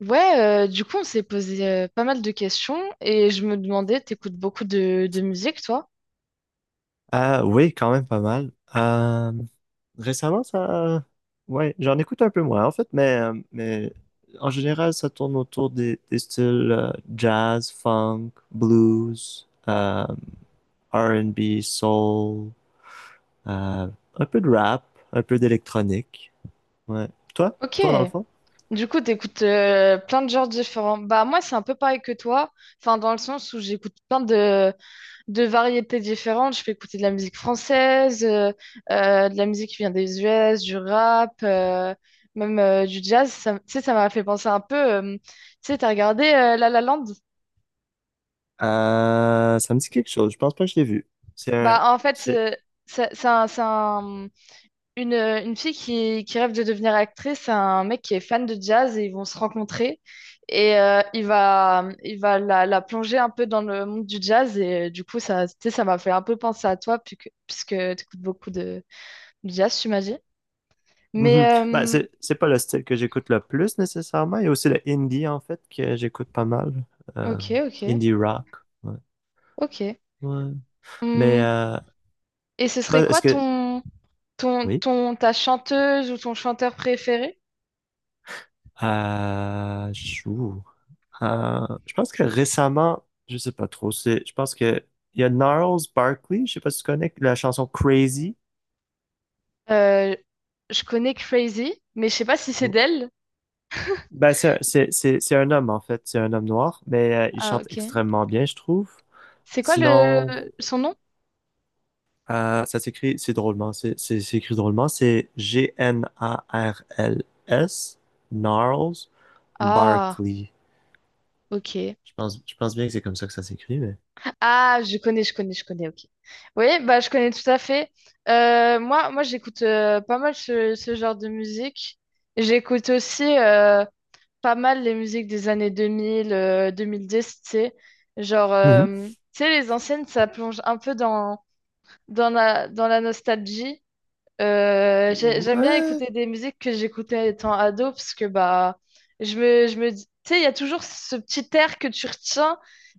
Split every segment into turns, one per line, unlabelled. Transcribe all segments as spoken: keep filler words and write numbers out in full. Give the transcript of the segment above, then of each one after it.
Ouais, euh, du coup, on s'est posé euh, pas mal de questions et je me demandais, t'écoutes beaucoup de, de musique, toi?
Euh, oui, quand même pas mal. Euh, récemment, ça, ouais, j'en écoute un peu moins en fait, mais, euh, mais en général, ça tourne autour des, des styles euh, jazz, funk, blues, euh, R et B, soul, euh, un peu de rap, un peu d'électronique. Ouais. Toi,
Ok.
toi dans le fond?
Du coup, t'écoutes euh, plein de genres différents. Bah, moi, c'est un peu pareil que toi. Enfin, dans le sens où j'écoute plein de, de variétés différentes. Je peux écouter de la musique française, euh, euh, de la musique qui vient des U S, du rap, euh, même euh, du jazz. Ça, tu sais, ça m'a fait penser un peu, euh, tu sais, t'as regardé euh, La La Land?
Euh, ça me dit quelque chose. Je pense pas que je l'ai vu. C'est un,
Bah, en fait,
c'est
euh, ça- c'est un- c'est un- une, une fille qui, qui rêve de devenir actrice, c'est un mec qui est fan de jazz et ils vont se rencontrer. Et euh, il va, il va la, la plonger un peu dans le monde du jazz. Et euh, du coup, ça, tu sais, ça m'a fait un peu penser à toi, puisque, puisque tu écoutes beaucoup de, Diaz, tu m'as dit.
Mhm.
Mais
Ben,
euh,
c'est, c'est pas le style que j'écoute le plus nécessairement. Il y a aussi le indie en fait que j'écoute pas mal. Euh,
ok, ok,
Indie rock. Ouais.
ok.
Ouais. Mais
Hum,
euh,
Et ce serait
ben,
quoi
est-ce que.
ton, ton,
Oui.
ton, ta chanteuse ou ton chanteur préféré?
Euh, je ouh. Euh, je pense que récemment, je sais pas trop, c'est, je pense que il y a Gnarls Barkley, je sais pas si tu connais la chanson Crazy.
Euh, je connais Crazy, mais je sais pas si c'est d'elle.
Ben, c'est, c'est, c'est, c'est un homme en fait, c'est un homme noir, mais euh, il
Ah,
chante
ok.
extrêmement bien, je trouve.
C'est quoi le
Sinon.
son nom?
Euh, ça s'écrit, c'est drôlement, c'est c'est- c'est écrit drôlement, c'est G-N-A-R-L-S, Gnarls
Ah,
Barkley.
ok.
Je pense, je pense bien que c'est comme ça que ça s'écrit, mais.
Ah, je connais, je connais, je connais, ok. Oui, bah je connais tout à fait. Euh, moi, moi j'écoute euh, pas mal ce, ce genre de musique. J'écoute aussi euh, pas mal les musiques des années deux mille, euh, deux mille dix, tu sais. Genre,
Mhm.
euh, tu sais, les anciennes, ça plonge un peu dans, dans la, dans la nostalgie. Euh, j'ai- j'aime bien
Ouais.
écouter des musiques que j'écoutais étant ado, parce que, bah, je me, je me dis, tu sais, il y a toujours ce petit air que tu retiens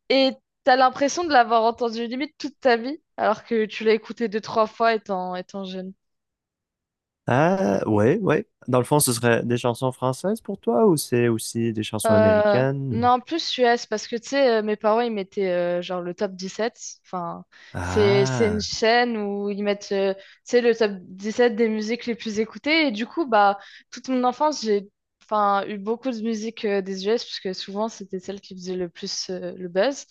et t'as l'impression de l'avoir entendu limite toute ta vie, alors que tu l'as écouté deux, trois fois étant, étant jeune.
Ah, ouais, ouais. Dans le fond, ce serait des chansons françaises pour toi ou c'est aussi des chansons
Euh,
américaines? Ou.
non, plus U S, parce que tu sais, euh, mes parents, ils mettaient euh, genre le top dix sept. Enfin, c'est, c'est une
Ah.
chaîne où ils mettent euh, tu sais, le top dix sept des musiques les plus écoutées. Et du coup, bah, toute mon enfance, j'ai, enfin, eu beaucoup de musique euh, des U S, puisque souvent, c'était celle qui faisait le plus euh, le buzz.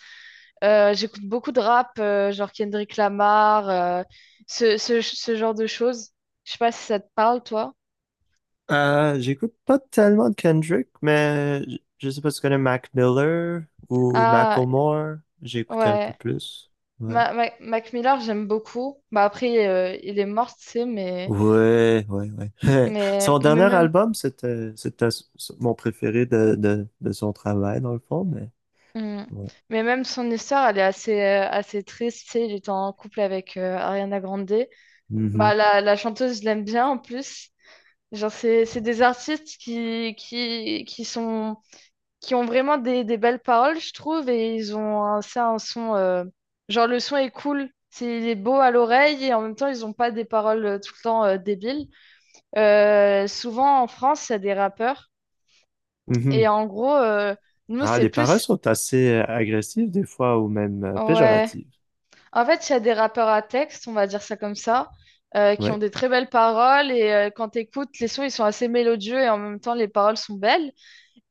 Euh, j'écoute beaucoup de rap, euh, genre Kendrick Lamar, euh, ce, ce, ce genre de choses. Je sais pas si ça te parle, toi.
Euh, j'écoute pas tellement de Kendrick, mais je je sais pas si tu connais Mac Miller ou
Ah,
Macklemore. J'écoute un peu
ouais.
plus. Ouais.
Ma- Ma- Mac Miller, j'aime beaucoup. Bah après, euh, il est mort, tu sais, mais,
Ouais, ouais, ouais.
mais,
Son
mais
dernier
même,
album, c'était, c'était s- s- mon préféré de, de, de son travail, dans le fond, mais
Hmm.
ouais.
mais même son histoire, elle est assez, euh, assez triste, tu sais. Il était en couple avec euh, Ariana Grande. Bah
Mhm.
la, la chanteuse, je l'aime bien en plus. Genre, c'est, c'est des artistes qui, qui, qui sont, qui ont vraiment des, des belles paroles, je trouve, et ils ont un, ça, un son, euh, genre le son est cool. C'est, il est beau à l'oreille et en même temps, ils n'ont pas des paroles euh, tout le temps euh, débiles. Euh, souvent en France, il y a des rappeurs. Et
Mhm.
en gros, euh, nous,
Ah,
c'est
les paroles
plus...
sont assez euh, agressives des fois, ou même euh,
Ouais.
péjoratives.
En fait, il y a des rappeurs à texte, on va dire ça comme ça, euh, qui ont
Ouais,
des très belles paroles. Et euh, quand tu écoutes, les sons, ils sont assez mélodieux et en même temps, les paroles sont belles.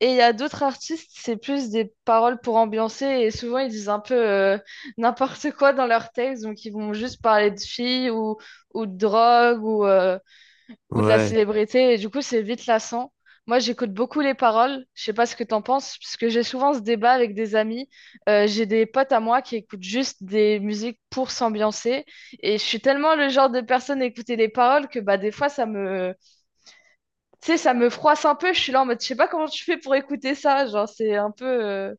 Et il y a d'autres artistes, c'est plus des paroles pour ambiancer. Et souvent, ils disent un peu euh, n'importe quoi dans leurs textes. Donc, ils vont juste parler de filles ou, ou de drogue ou, euh, ou de la
ouais,
célébrité, et du coup, c'est vite lassant. Moi, j'écoute beaucoup les paroles, je sais pas ce que t'en penses, parce que j'ai souvent ce débat avec des amis. Euh, j'ai des potes à moi qui écoutent juste des musiques pour s'ambiancer, et je suis tellement le genre de personne à écouter les paroles que bah, des fois, ça me... Tu sais, ça me froisse un peu, je suis là en mode, je sais pas comment tu fais pour écouter ça, genre, c'est un peu, euh,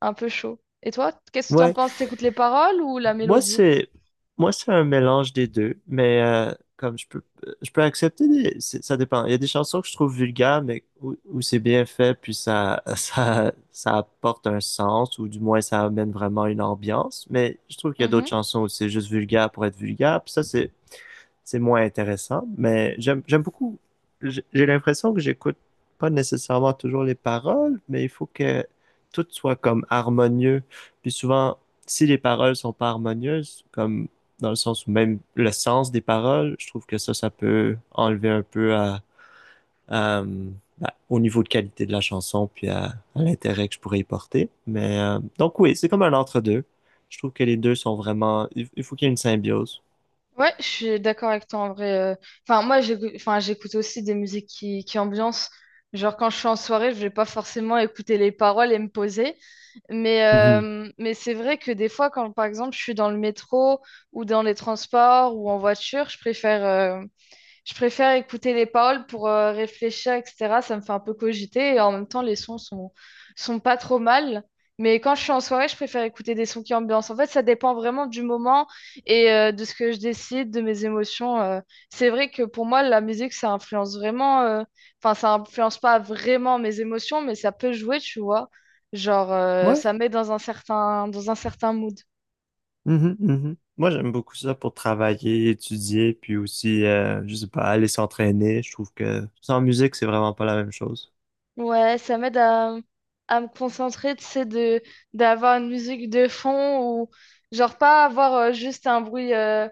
un peu chaud. Et toi, qu'est-ce que t'en
ouais.
penses? T'écoutes les paroles ou la
Moi,
mélodie?
c'est moi, c'est un mélange des deux, mais euh, comme je peux je peux accepter des- c'est- ça dépend. Il y a des chansons que je trouve vulgaires, mais où, où c'est bien fait, puis ça, ça ça apporte un sens, ou du moins ça amène vraiment une ambiance. Mais je trouve qu'il y a d'autres chansons où c'est juste vulgaire pour être vulgaire. Puis ça, c'est c'est moins intéressant, mais j'aime j'aime beaucoup. J'ai l'impression que j'écoute pas nécessairement toujours les paroles, mais il faut que tout soit comme harmonieux. Puis souvent, si les paroles sont pas harmonieuses, comme dans le sens où même le sens des paroles, je trouve que ça, ça peut enlever un peu à, à, bah, au niveau de qualité de la chanson, puis à, à l'intérêt que je pourrais y porter. Mais euh, donc oui, c'est comme un entre-deux. Je trouve que les deux sont vraiment… Il faut qu'il y ait une symbiose.
Ouais, je suis d'accord avec toi en vrai. euh. Enfin, moi, j'écoute, enfin, j'écoute aussi des musiques qui, qui ambiancent. Genre, quand je suis en soirée, je vais pas forcément écouter les paroles et me poser. Mais,
Mhm.
euh, mais c'est vrai que des fois, quand par exemple, je suis dans le métro ou dans les transports ou en voiture, je préfère. euh, je préfère écouter les paroles pour euh, réfléchir, et cetera. Ça me fait un peu cogiter et en même temps, les sons sont, sont pas trop mal. Mais quand je suis en soirée, je préfère écouter des sons qui ambiancent. En fait, ça dépend vraiment du moment et euh, de ce que je décide, de mes émotions. euh. C'est vrai que pour moi, la musique, ça influence vraiment. euh, Enfin, ça influence pas vraiment mes émotions, mais ça peut jouer, tu vois. Genre, euh,
Ouais.
ça met dans un certain, dans un certain mood.
Mhm, mhm. Moi, j'aime beaucoup ça pour travailler, étudier, puis aussi, euh, je sais pas, aller s'entraîner. Je trouve que sans musique, c'est vraiment pas la même chose.
Ouais, ça m'aide à, à me concentrer, tu sais, de, d'avoir une musique de fond ou genre pas avoir euh, juste un bruit, euh,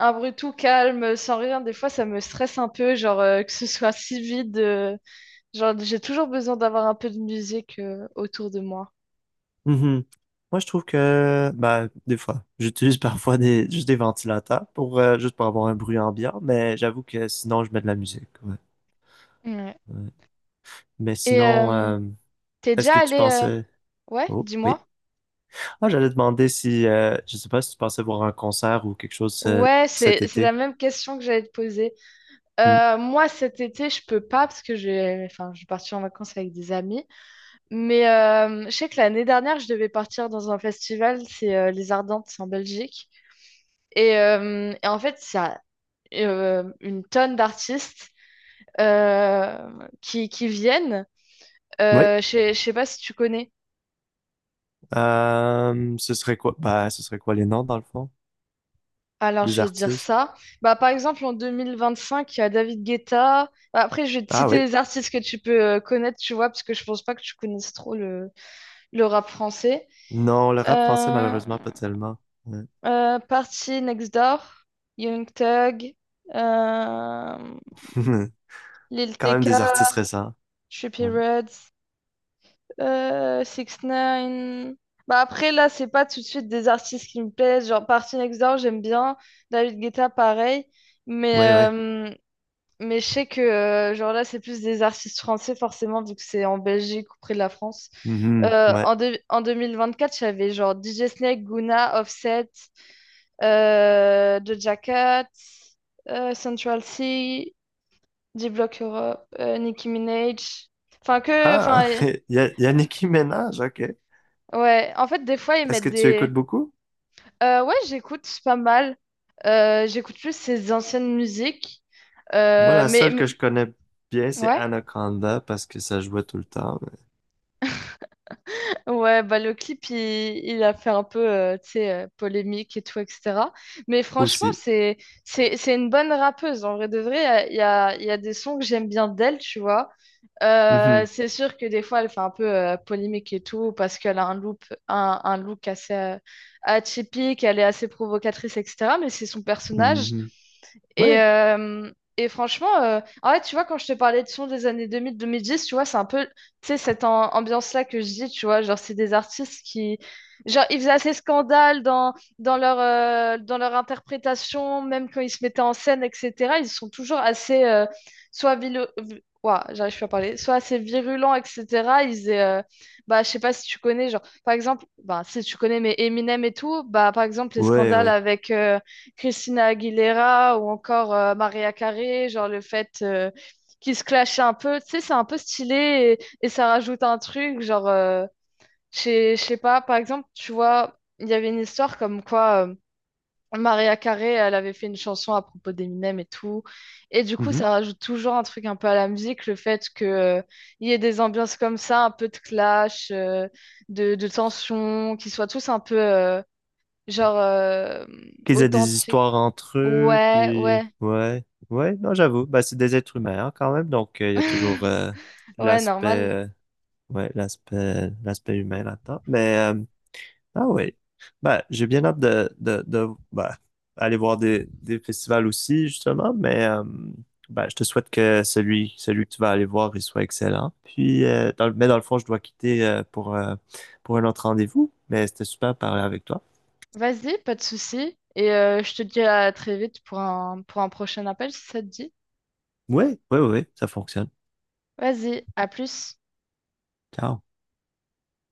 un bruit tout calme, sans rien. Des fois, ça me stresse un peu, genre euh, que ce soit si vide. Euh, genre, j'ai toujours besoin d'avoir un peu de musique euh, autour de moi.
Mhm. Moi, je trouve que, bah, des fois, j'utilise parfois des, juste des ventilateurs pour, euh, juste pour avoir un bruit ambiant, mais j'avoue que sinon, je mets de la musique. Ouais,
Ouais.
ouais. Mais
Et
sinon,
euh,
euh,
t'es
est-ce
déjà
que tu
allé... euh,
pensais…
Ouais,
Oh, oui.
dis-moi.
Ah, j'allais demander si, euh, je sais pas si tu pensais voir un concert ou quelque chose euh,
Ouais,
cet
c'est c'est la
été.
même question que j'allais te poser.
Mm.
Euh, moi, cet été, je peux pas parce que j'ai, enfin, je vais partir en vacances avec des amis. Mais euh, je sais que l'année dernière, je devais partir dans un festival, c'est euh, Les Ardentes, c'est en Belgique. Et, euh, et en fait, ça euh, une tonne d'artistes euh, qui, qui viennent.
Oui.
Euh, je sais je sais pas si tu connais.
Euh, ce serait quoi? Bah, ce serait quoi les noms, dans le fond?
Alors,
Des
je vais dire
artistes?
ça. Bah, par exemple, en deux mille vingt cinq, il y a David Guetta. Bah, après, je vais te
Ah
citer
oui.
les artistes que tu peux euh, connaître, tu vois, parce que je pense pas que tu connaisses trop le, le rap français.
Non, le rap français,
Euh,
malheureusement, pas tellement. Ouais.
Euh, Party Next Door, Young Thug, euh, Lil
Quand même
T K,
des artistes récents.
Trippie
Ouais,
Reds, euh, six ix. Bah après là, c'est pas tout de suite des artistes qui me plaisent. Genre Party Next Door, j'aime bien. David Guetta, pareil. Mais,
ouais. Ouais.
euh, mais je sais que euh, genre là, c'est plus des artistes français forcément vu que c'est en Belgique ou près de la France.
Mhm,
Euh,
ouais.
en, deux- en deux mille vingt-quatre, j'avais genre D J Snake, Guna, Offset, euh, Doja Cat, euh, Central C, D-Block Europe, euh, Nicki Minaj. Enfin, que.
Ah,
Enfin, euh,
il y a, il y a Nicki Minaj, ok.
ouais. En fait, des fois, ils
Est-ce
mettent
que tu
des.
écoutes beaucoup?
Euh, ouais, j'écoute pas mal. Euh, j'écoute plus ses anciennes musiques.
Moi,
Euh,
la
mais,
seule que
mais-
je connais bien, c'est
Ouais.
Anaconda, parce que ça jouait tout le temps, mais
Ouais, bah, le clip, il, il a fait un peu, euh, tu sais, euh, polémique et tout, et cetera. Mais franchement,
aussi.
c'est, c'est, c'est une bonne rappeuse. En vrai de vrai, il y a, il y a il y a des sons que j'aime bien d'elle, tu vois. Euh,
Mhm,
c'est sûr que des fois, elle fait un peu euh, polémique et tout, parce qu'elle a un look, un, un look assez euh, atypique, elle est assez provocatrice, et cetera. Mais c'est son personnage.
mhm.
Et,
Ouais,
euh, et franchement, euh, en fait, tu vois, quand je te parlais de son des années deux deux mille mille dix, tu vois, c'est un peu, tu sais, cette am- ambiance-là que je dis, tu vois, genre, c'est des artistes qui, genre, ils faisaient assez scandale dans, dans leur, euh, dans leur interprétation, même quand ils se mettaient en scène, et cetera. Ils sont toujours assez, euh, soit vilo- vi- Ouah, j'arrive plus à parler, soit assez virulents, et cetera. Ils euh, Bah, je sais pas si tu connais, genre, par exemple, bah, si tu connais, mais Eminem et tout, bah, par exemple, les
ouais,
scandales
ouais.
avec... euh, Christina Aguilera ou encore euh, Maria Carey, genre le fait euh, qu'ils se clashent un peu, tu sais, c'est un peu stylé et, et ça rajoute un truc, genre, euh, je sais je sais pas, par exemple, tu vois, il y avait une histoire comme quoi euh, Maria Carey, elle avait fait une chanson à propos d'Eminem et tout, et du coup,
Mhm.
ça rajoute toujours un truc un peu à la musique, le fait que, euh, il y ait des ambiances comme ça, un peu de clash, euh, de, de tension, qu'ils soient tous un peu, euh, genre, euh,
Qu'ils aient des
authentiques.
histoires entre eux,
Ouais, ouais.
puis ouais, ouais, non, j'avoue, bah, c'est des êtres humains hein, quand même, donc euh, il y a toujours euh,
Ouais,
l'aspect,
normal.
euh, ouais, l'aspect, l'aspect humain là-dedans. Mais euh, ah ouais, bah, j'ai bien hâte de, de, de bah, aller voir des, des festivals aussi justement, mais euh, bah, je te souhaite que celui, celui que tu vas aller voir, il soit excellent. Puis, euh, dans le- mais dans le fond, je dois quitter euh, pour euh, pour un autre rendez-vous, mais c'était super de parler avec toi.
Vas-y, pas de souci. Et euh, je te dis à très vite pour un, pour un prochain appel si ça te dit.
Ouais, ouais, ouais, ça fonctionne.
Vas-y, à plus.
Ciao.